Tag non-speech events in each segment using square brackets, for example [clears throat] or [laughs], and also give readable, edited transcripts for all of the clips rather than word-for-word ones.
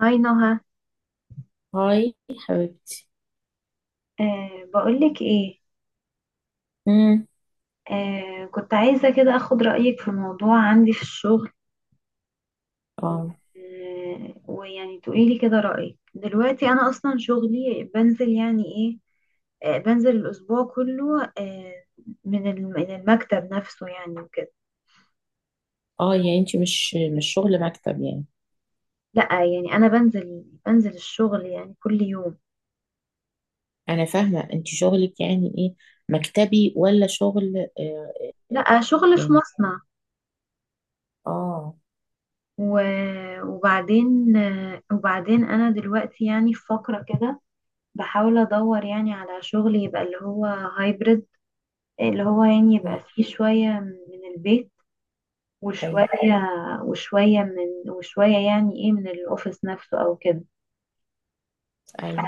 هاي نهى. هاي حبيبتي. بقولك ايه؟ امم كنت عايزة كده اخد رأيك في موضوع عندي في الشغل. اه ويعني تقوليلي كده رأيك، دلوقتي انا اصلا شغلي بنزل يعني ايه، بنزل الاسبوع كله من المكتب نفسه يعني وكده. اه يعني انت مش شغل مكتب يعني؟ لا يعني انا بنزل الشغل يعني كل يوم. انا فاهمه، انت شغلك يعني ايه، مكتبي ولا شغل؟ آه، لا، شغل في يعني مصنع. اه وبعدين وبعدين انا دلوقتي يعني في فقرة كده، بحاول ادور يعني على شغل يبقى اللي هو هايبرد، اللي هو يعني مم. يبقى فيه شوية من البيت، اي، وشوية، وشوية من وشوية يعني ايه من الاوفيس نفسه او كده. اي.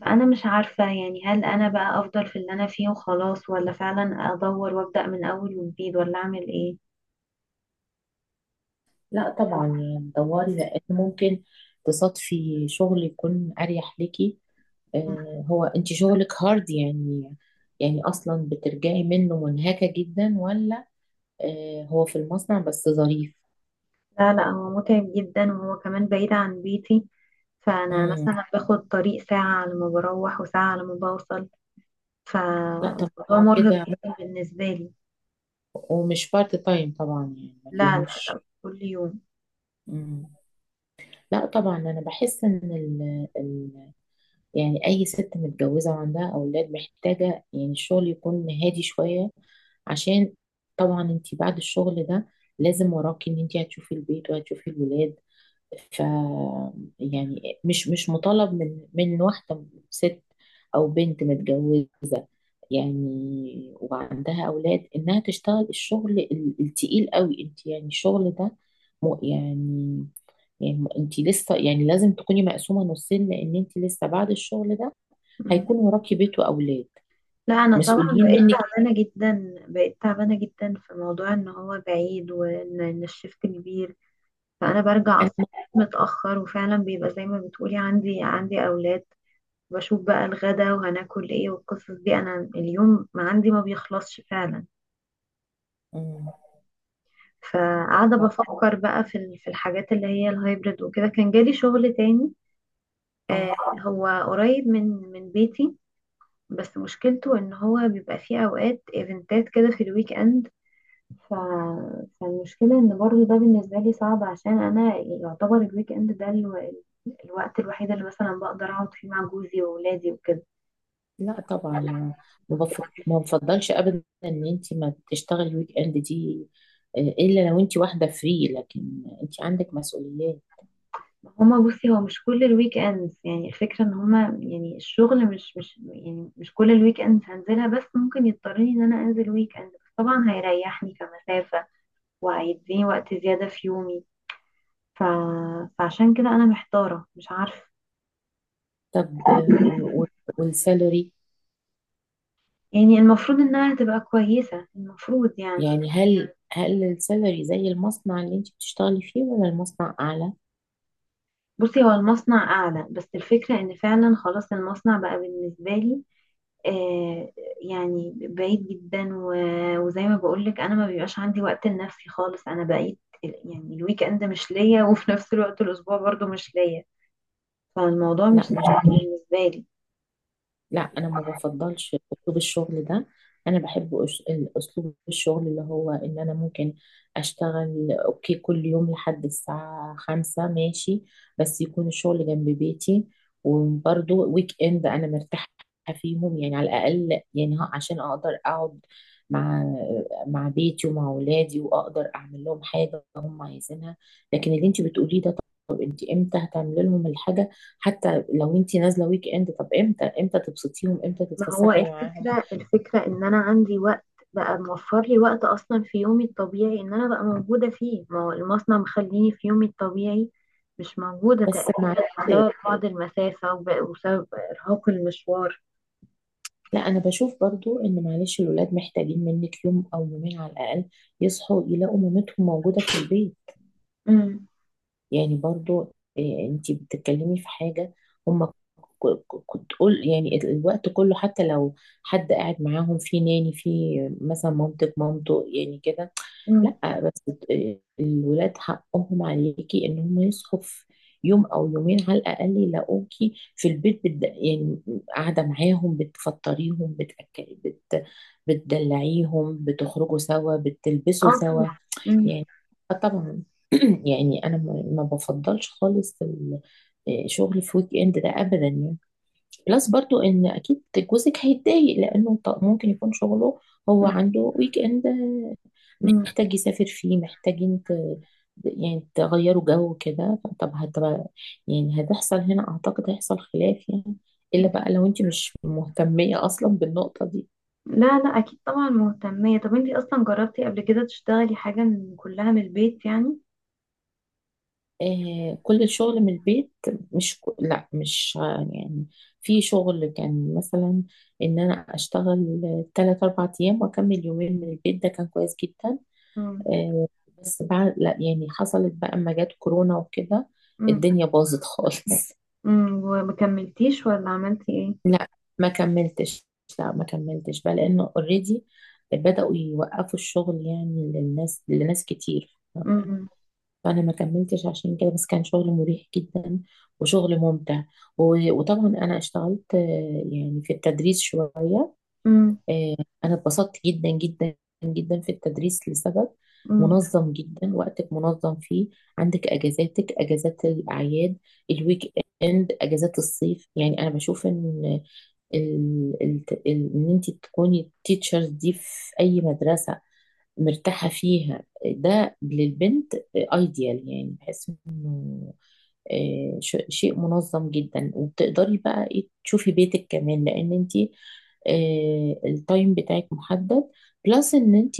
فانا مش عارفة يعني هل انا بقى افضل في اللي انا فيه وخلاص، ولا فعلا ادور وابدأ من اول وجديد، ولا اعمل ايه؟ لا طبعا يعني دوري، لان ممكن تصادفي شغل يكون اريح ليكي. آه، هو انت شغلك هارد يعني؟ يعني اصلا بترجعي منه منهكه جدا ولا؟ آه، هو في المصنع بس ظريف؟ لا لا، هو متعب جدا وهو كمان بعيد عن بيتي. فانا امم مثلا باخد طريق ساعة على ما بروح وساعة على ما بوصل. لا طبعا فالموضوع مرهق كده. جدا بالنسبة لي. ومش بارت تايم طبعا، يعني ما لا، فيهوش. كل يوم. مم. لا طبعا، انا بحس ان ال ال يعني اي ست متجوزه وعندها اولاد محتاجه يعني الشغل يكون هادي شويه. عشان طبعا انت بعد الشغل ده لازم وراكي ان انت هتشوفي البيت وهتشوفي الولاد. ف يعني مش مطالب من واحدة ست أو بنت متجوزة يعني وعندها أولاد إنها تشتغل الشغل التقيل قوي. أنت يعني الشغل ده، م- يعني يعني أنت لسه يعني لازم تكوني مقسومة نصين، لأن أنت لسه بعد الشغل ده مم. هيكون وراكي بيت وأولاد لا، انا طبعا مسؤولين بقيت منك. تعبانه جدا، بقيت تعبانه جدا في موضوع ان هو بعيد، وان إن الشفت كبير. فانا برجع اصلا أهم متاخر، وفعلا بيبقى زي ما بتقولي عندي اولاد، بشوف بقى الغدا وهناكل ايه والقصص دي. انا اليوم ما عندي ما بيخلصش فعلا. مم. فقاعده ف- بفكر بقى في في الحاجات اللي هي الهايبرد وكده. كان جالي شغل تاني، آه، اه هو قريب من بيتي، بس مشكلته ان هو بيبقى فيه اوقات ايفنتات كده في الويك اند. ف... فالمشكلة ان برضو ده بالنسبة لي صعب، عشان انا يعتبر الويك اند ده الوقت الوحيد اللي مثلا بقدر اقعد فيه مع جوزي واولادي وكده. لا طبعا، ما بف- ما بفضلش ابدا ان انت ما تشتغلي ويك اند دي، آه، الا لو انت واحده فري، لكن انت عندك مسؤوليات. هما بصي، هو مش كل الويك اندز، يعني الفكرة ان هما يعني الشغل مش يعني مش كل الويك اندز هنزلها، بس ممكن يضطرني ان انا انزل ويك اند، بس طبعا هيريحني كمسافة وهيديني وقت زيادة في يومي. ف... فعشان كده انا محتارة مش عارفة. طب، والسالري؟ يعني المفروض انها تبقى كويسة، المفروض يعني. يعني، هل السالري زي المصنع اللي انت بتشتغلي فيه ولا المصنع اعلى؟ بصي، هو المصنع اعلى، بس الفكرة ان فعلا خلاص المصنع بقى بالنسبة لي، آه، يعني بعيد جدا، وزي ما بقولك انا ما بيبقاش عندي وقت لنفسي خالص. انا بقيت يعني الويك اند مش ليا، وفي نفس الوقت الاسبوع برضو مش ليا. فالموضوع مش لا، سهل بالنسبة لي. لا، انا ما بفضلش اسلوب الشغل ده. انا بحب اسلوب الشغل اللي هو ان انا ممكن اشتغل، اوكي، كل يوم لحد الساعة 5، ماشي، بس يكون الشغل جنب بيتي. وبرضه ويك اند انا مرتاحة فيهم، يعني على الاقل يعني عشان اقدر اقعد مع مع بيتي ومع اولادي، واقدر اعمل لهم حاجة هم عايزينها. لكن اللي انت بتقوليه ده، طب انت امتى هتعملي لهم الحاجة؟ حتى لو انت نازله ويك اند، طب امتى، تبسطيهم، امتى ما هو تتفسحي معاهم؟ الفكرة، الفكرة ان انا عندي وقت بقى، موفر لي وقت اصلا في يومي الطبيعي ان انا بقى موجودة فيه. ما هو المصنع مخليني في يومي الطبيعي مش موجودة بس تقريبا، مع بسبب بعد المسافة وبسبب ارهاق المشوار. لا، انا بشوف برضو ان معلش الولاد محتاجين منك يوم او يومين على الاقل، يصحوا يلاقوا مامتهم موجوده في البيت. مم. يعني برضو، آه، انت بتتكلمي في حاجة؟ هم كنت قول يعني الوقت كله، حتى لو حد قاعد معاهم، في ناني، في مثلا مامتك، مامته، يعني كده. مم. لا بس الولاد حقهم عليكي ان هم يصحوا في يوم او يومين على الاقل، يلاقوكي في البيت يعني قاعده معاهم، بتفطريهم، بتدلعيهم، بتخرجوا سوا، اه بتلبسوا طبعا. سوا. مم. يعني، آه طبعا. [clears throat] يعني انا ما بفضلش خالص شغل في ويك اند ده ابدا يعني. بلس برضو ان اكيد جوزك هيتضايق، لانه ممكن يكون شغله، هو مم. عنده ويك اند، مم. محتاج يسافر فيه، محتاجين يعني تغيروا جو كده. طب هتبقى، يعني هتحصل هنا، اعتقد هيحصل خلاف يعني، الا بقى لو انت مش مهتمية اصلا بالنقطة دي. لا لا، اكيد طبعا مهتمية. طب انتي اصلا جربتي قبل كده تشتغلي حاجة كلها من البيت يعني؟ آه، كل الشغل من البيت. مش ك- لا، مش، يعني في شغل كان مثلا ان انا اشتغل ثلاث اربع ايام واكمل يومين من البيت، ده كان كويس جدا. مم. آه، بس بعد، لا يعني حصلت بقى اما جت كورونا وكده مم. الدنيا باظت خالص. [laughs] مم. ومكملتيش ولا عملتي ايه؟ لا، ما كملتش. لا، ما كملتش بقى لانه اوريدي بدأوا يوقفوا الشغل يعني للناس، لناس كتير. مم. فانا ما كملتش عشان كده، بس كان شغل مريح جدا وشغل ممتع. و- وطبعا انا اشتغلت، يعني في التدريس شويه. مم. آه، انا اتبسطت جدا جدا جدا في التدريس، لسبب مم. منظم جدا، وقتك منظم فيه، عندك اجازاتك، اجازات الاعياد، الويك اند، اجازات الصيف. يعني انا بشوف ان ال- ال- ان انت تكوني التيتشرز دي في اي مدرسة مرتاحة فيها، ده للبنت ايديال، يعني بحس انه، شيء منظم جدا، وبتقدري بقى ايه تشوفي بيتك كمان، لان انت التايم بتاعك محدد. بلس ان انت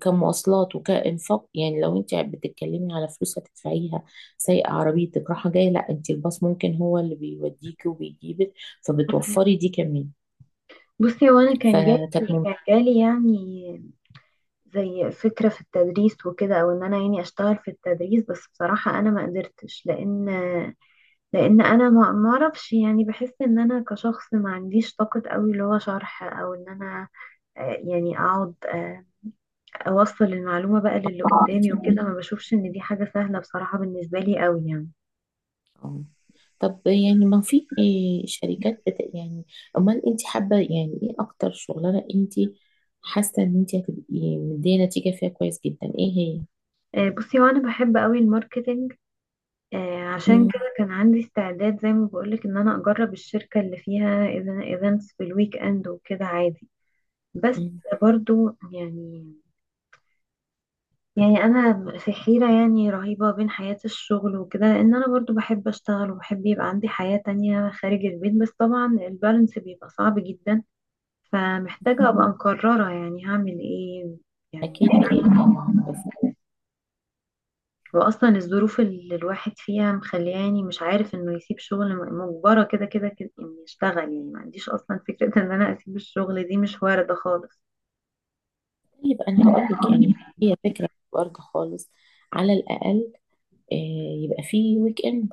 كمواصلات وكإنفاق، يعني لو انت بتتكلمي على فلوس هتدفعيها، سايقة عربيتك رايحة جاية، لا، انت الباص ممكن هو اللي بيوديكي وبيجيبك، فبتوفري دي كمان، بصي، وانا كان فكانت جالي كان جالي يعني زي فكرة في التدريس وكده، او ان انا يعني اشتغل في التدريس. بس بصراحة انا ما قدرتش، لان لان انا ما اعرفش، يعني بحس ان انا كشخص ما عنديش طاقة قوي اللي هو شرح، او ان انا، آه، يعني اقعد، آه، اوصل المعلومة بقى للي قدامي ممتازة. وكده. ما بشوفش ان دي حاجة سهلة بصراحة بالنسبة لي قوي يعني. طب يعني، ما في شركات يعني، امال انت حابه يعني ايه اكتر شغلانه انت حاسه ان انت هتبقي مديه نتيجه فيها كويس جدا، ايه هي؟ آه، بصي وانا بحب قوي الماركتنج. آه، عشان مم. كده كان عندي استعداد زي ما بقولك ان انا اجرب الشركة اللي فيها ايفنتس في الويك اند وكده عادي. بس مم. برضو يعني، انا في حيرة يعني رهيبة بين حياة الشغل وكده، لان انا برضو بحب اشتغل وبحب يبقى عندي حياة تانية خارج البيت، بس طبعا البالانس بيبقى صعب جدا. فمحتاجة ابقى مقررة يعني هعمل ايه يعني. اكيد طبعا، بس واصلا الظروف اللي الواحد فيها مخلياني مش عارف انه يسيب شغل، مجبرة كده كده كده اني اشتغل يعني. ما عنديش اصلا فكرة ان انا اسيب الشغل دي، مش واردة خالص. يبقى انا هقول لك، يعني هي فكره برضه، خالص، على الاقل آه، يبقى في ويك اند.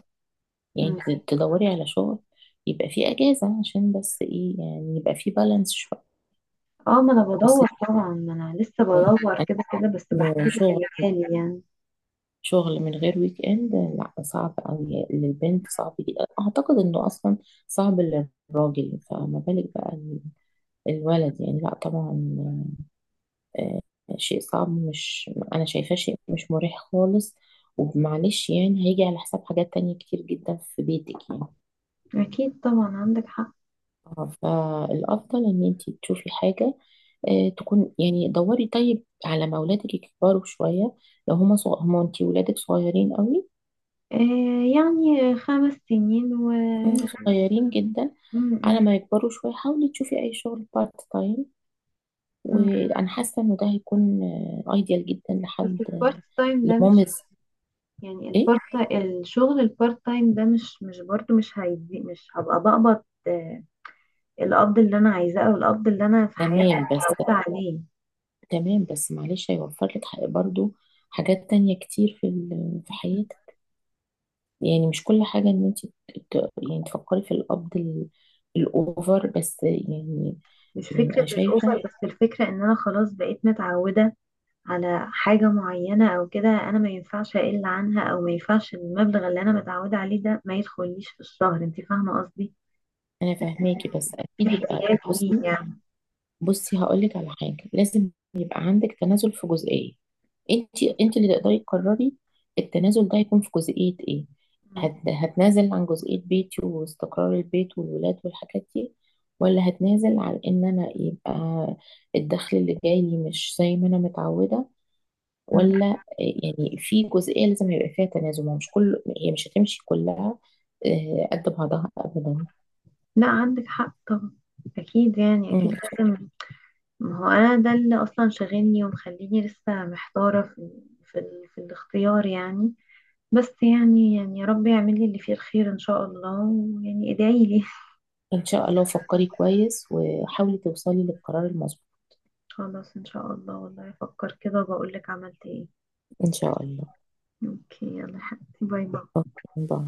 مم. يعني تدوري على شغل يبقى في اجازه، عشان بس ايه، يعني يبقى في بالانس شويه. اه، ما انا بس بدور طبعا، ما انا لسه بدور كده كده، بس انه بحكي لك شغل، اللي حالي يعني. شغل من غير ويك اند، لا، صعب قوي للبنت، صعب جدا اعتقد انه اصلا صعب للراجل، فما بالك بقى الولد يعني. لا طبعا، آه، شيء صعب، مش، انا شايفاه شيء مش مريح خالص، ومعلش يعني هيجي على حساب حاجات تانية كتير جدا في بيتك يعني. اكيد طبعا عندك حق. فالافضل ان انت تشوفي حاجة تكون، يعني دوري طيب على ما اولادك يكبروا شوية. لو هما، انتي ولادك صغيرين قوي، آه يعني 5 سنين و مم، صغيرين جدا. م- على م- ما يكبروا شوية، حاولي تشوفي أي شغل بارت تايم، م. وأنا حاسة إنه ده هيكون أيديال جدا بس لحد البارت تايم ده مش، لمامز. يعني إيه؟ البارت الشغل البارت تايم ده مش برضو مش هيدي مش هبقى بقبض الاب اللي انا عايزاه، او الاب اللي انا في حياتي تمام، بس، متعوده عليه. تمام بس معلش هيوفر لك برضو حاجات تانية كتير في في حياتك. يعني مش كل حاجة إن أنت يعني تفكري في القبض الأوفر بس، يعني. مش يعني أنا فكره شايفة. الاسر، بس الفكره ان انا خلاص بقيت متعوده على حاجه معينه او كده. انا ما ينفعش اقل عنها، او ما ينفعش المبلغ اللي انا متعوده عليه ده ما يدخليش في الشهر. انت فاهمه قصدي؟ أنا فاهماكي، بس في أكيد يبقى، احتياج بصي، ليه يعني. بصي هقولك على حاجة، لازم يبقى عندك تنازل في جزئية. انت اللي تقدري تقرري التنازل ده هيكون في جزئية ايه. م- هتنازل عن جزئية بيتي واستقرار البيت والولاد والحاجات دي، ولا هتنازل عن ان انا يبقى الدخل اللي جاي لي مش زي ما انا متعودة، م. ولا يعني في جزئية لازم يبقى فيها تنازل. ما هو مش كل، هي مش هتمشي كلها، قد بعضها ابدا. لا عندك حق طبعا. اكيد يعني، مم. اكيد لازم. ما هو انا ده اللي اصلا شاغلني ومخليني لسه محتاره في، في الاختيار يعني. بس يعني، يا رب يعمل لي اللي فيه الخير ان شاء الله، ويعني ادعي لي. [laughs] ان شاء الله، فكري كويس وحاولي توصلي للقرار المظبوط. خلاص ان شاء الله، والله افكر كده وبقول لك عملت ايه. إن شاء الله. اوكي يلا يا حبيبتي، باي باي. أوكي، باي.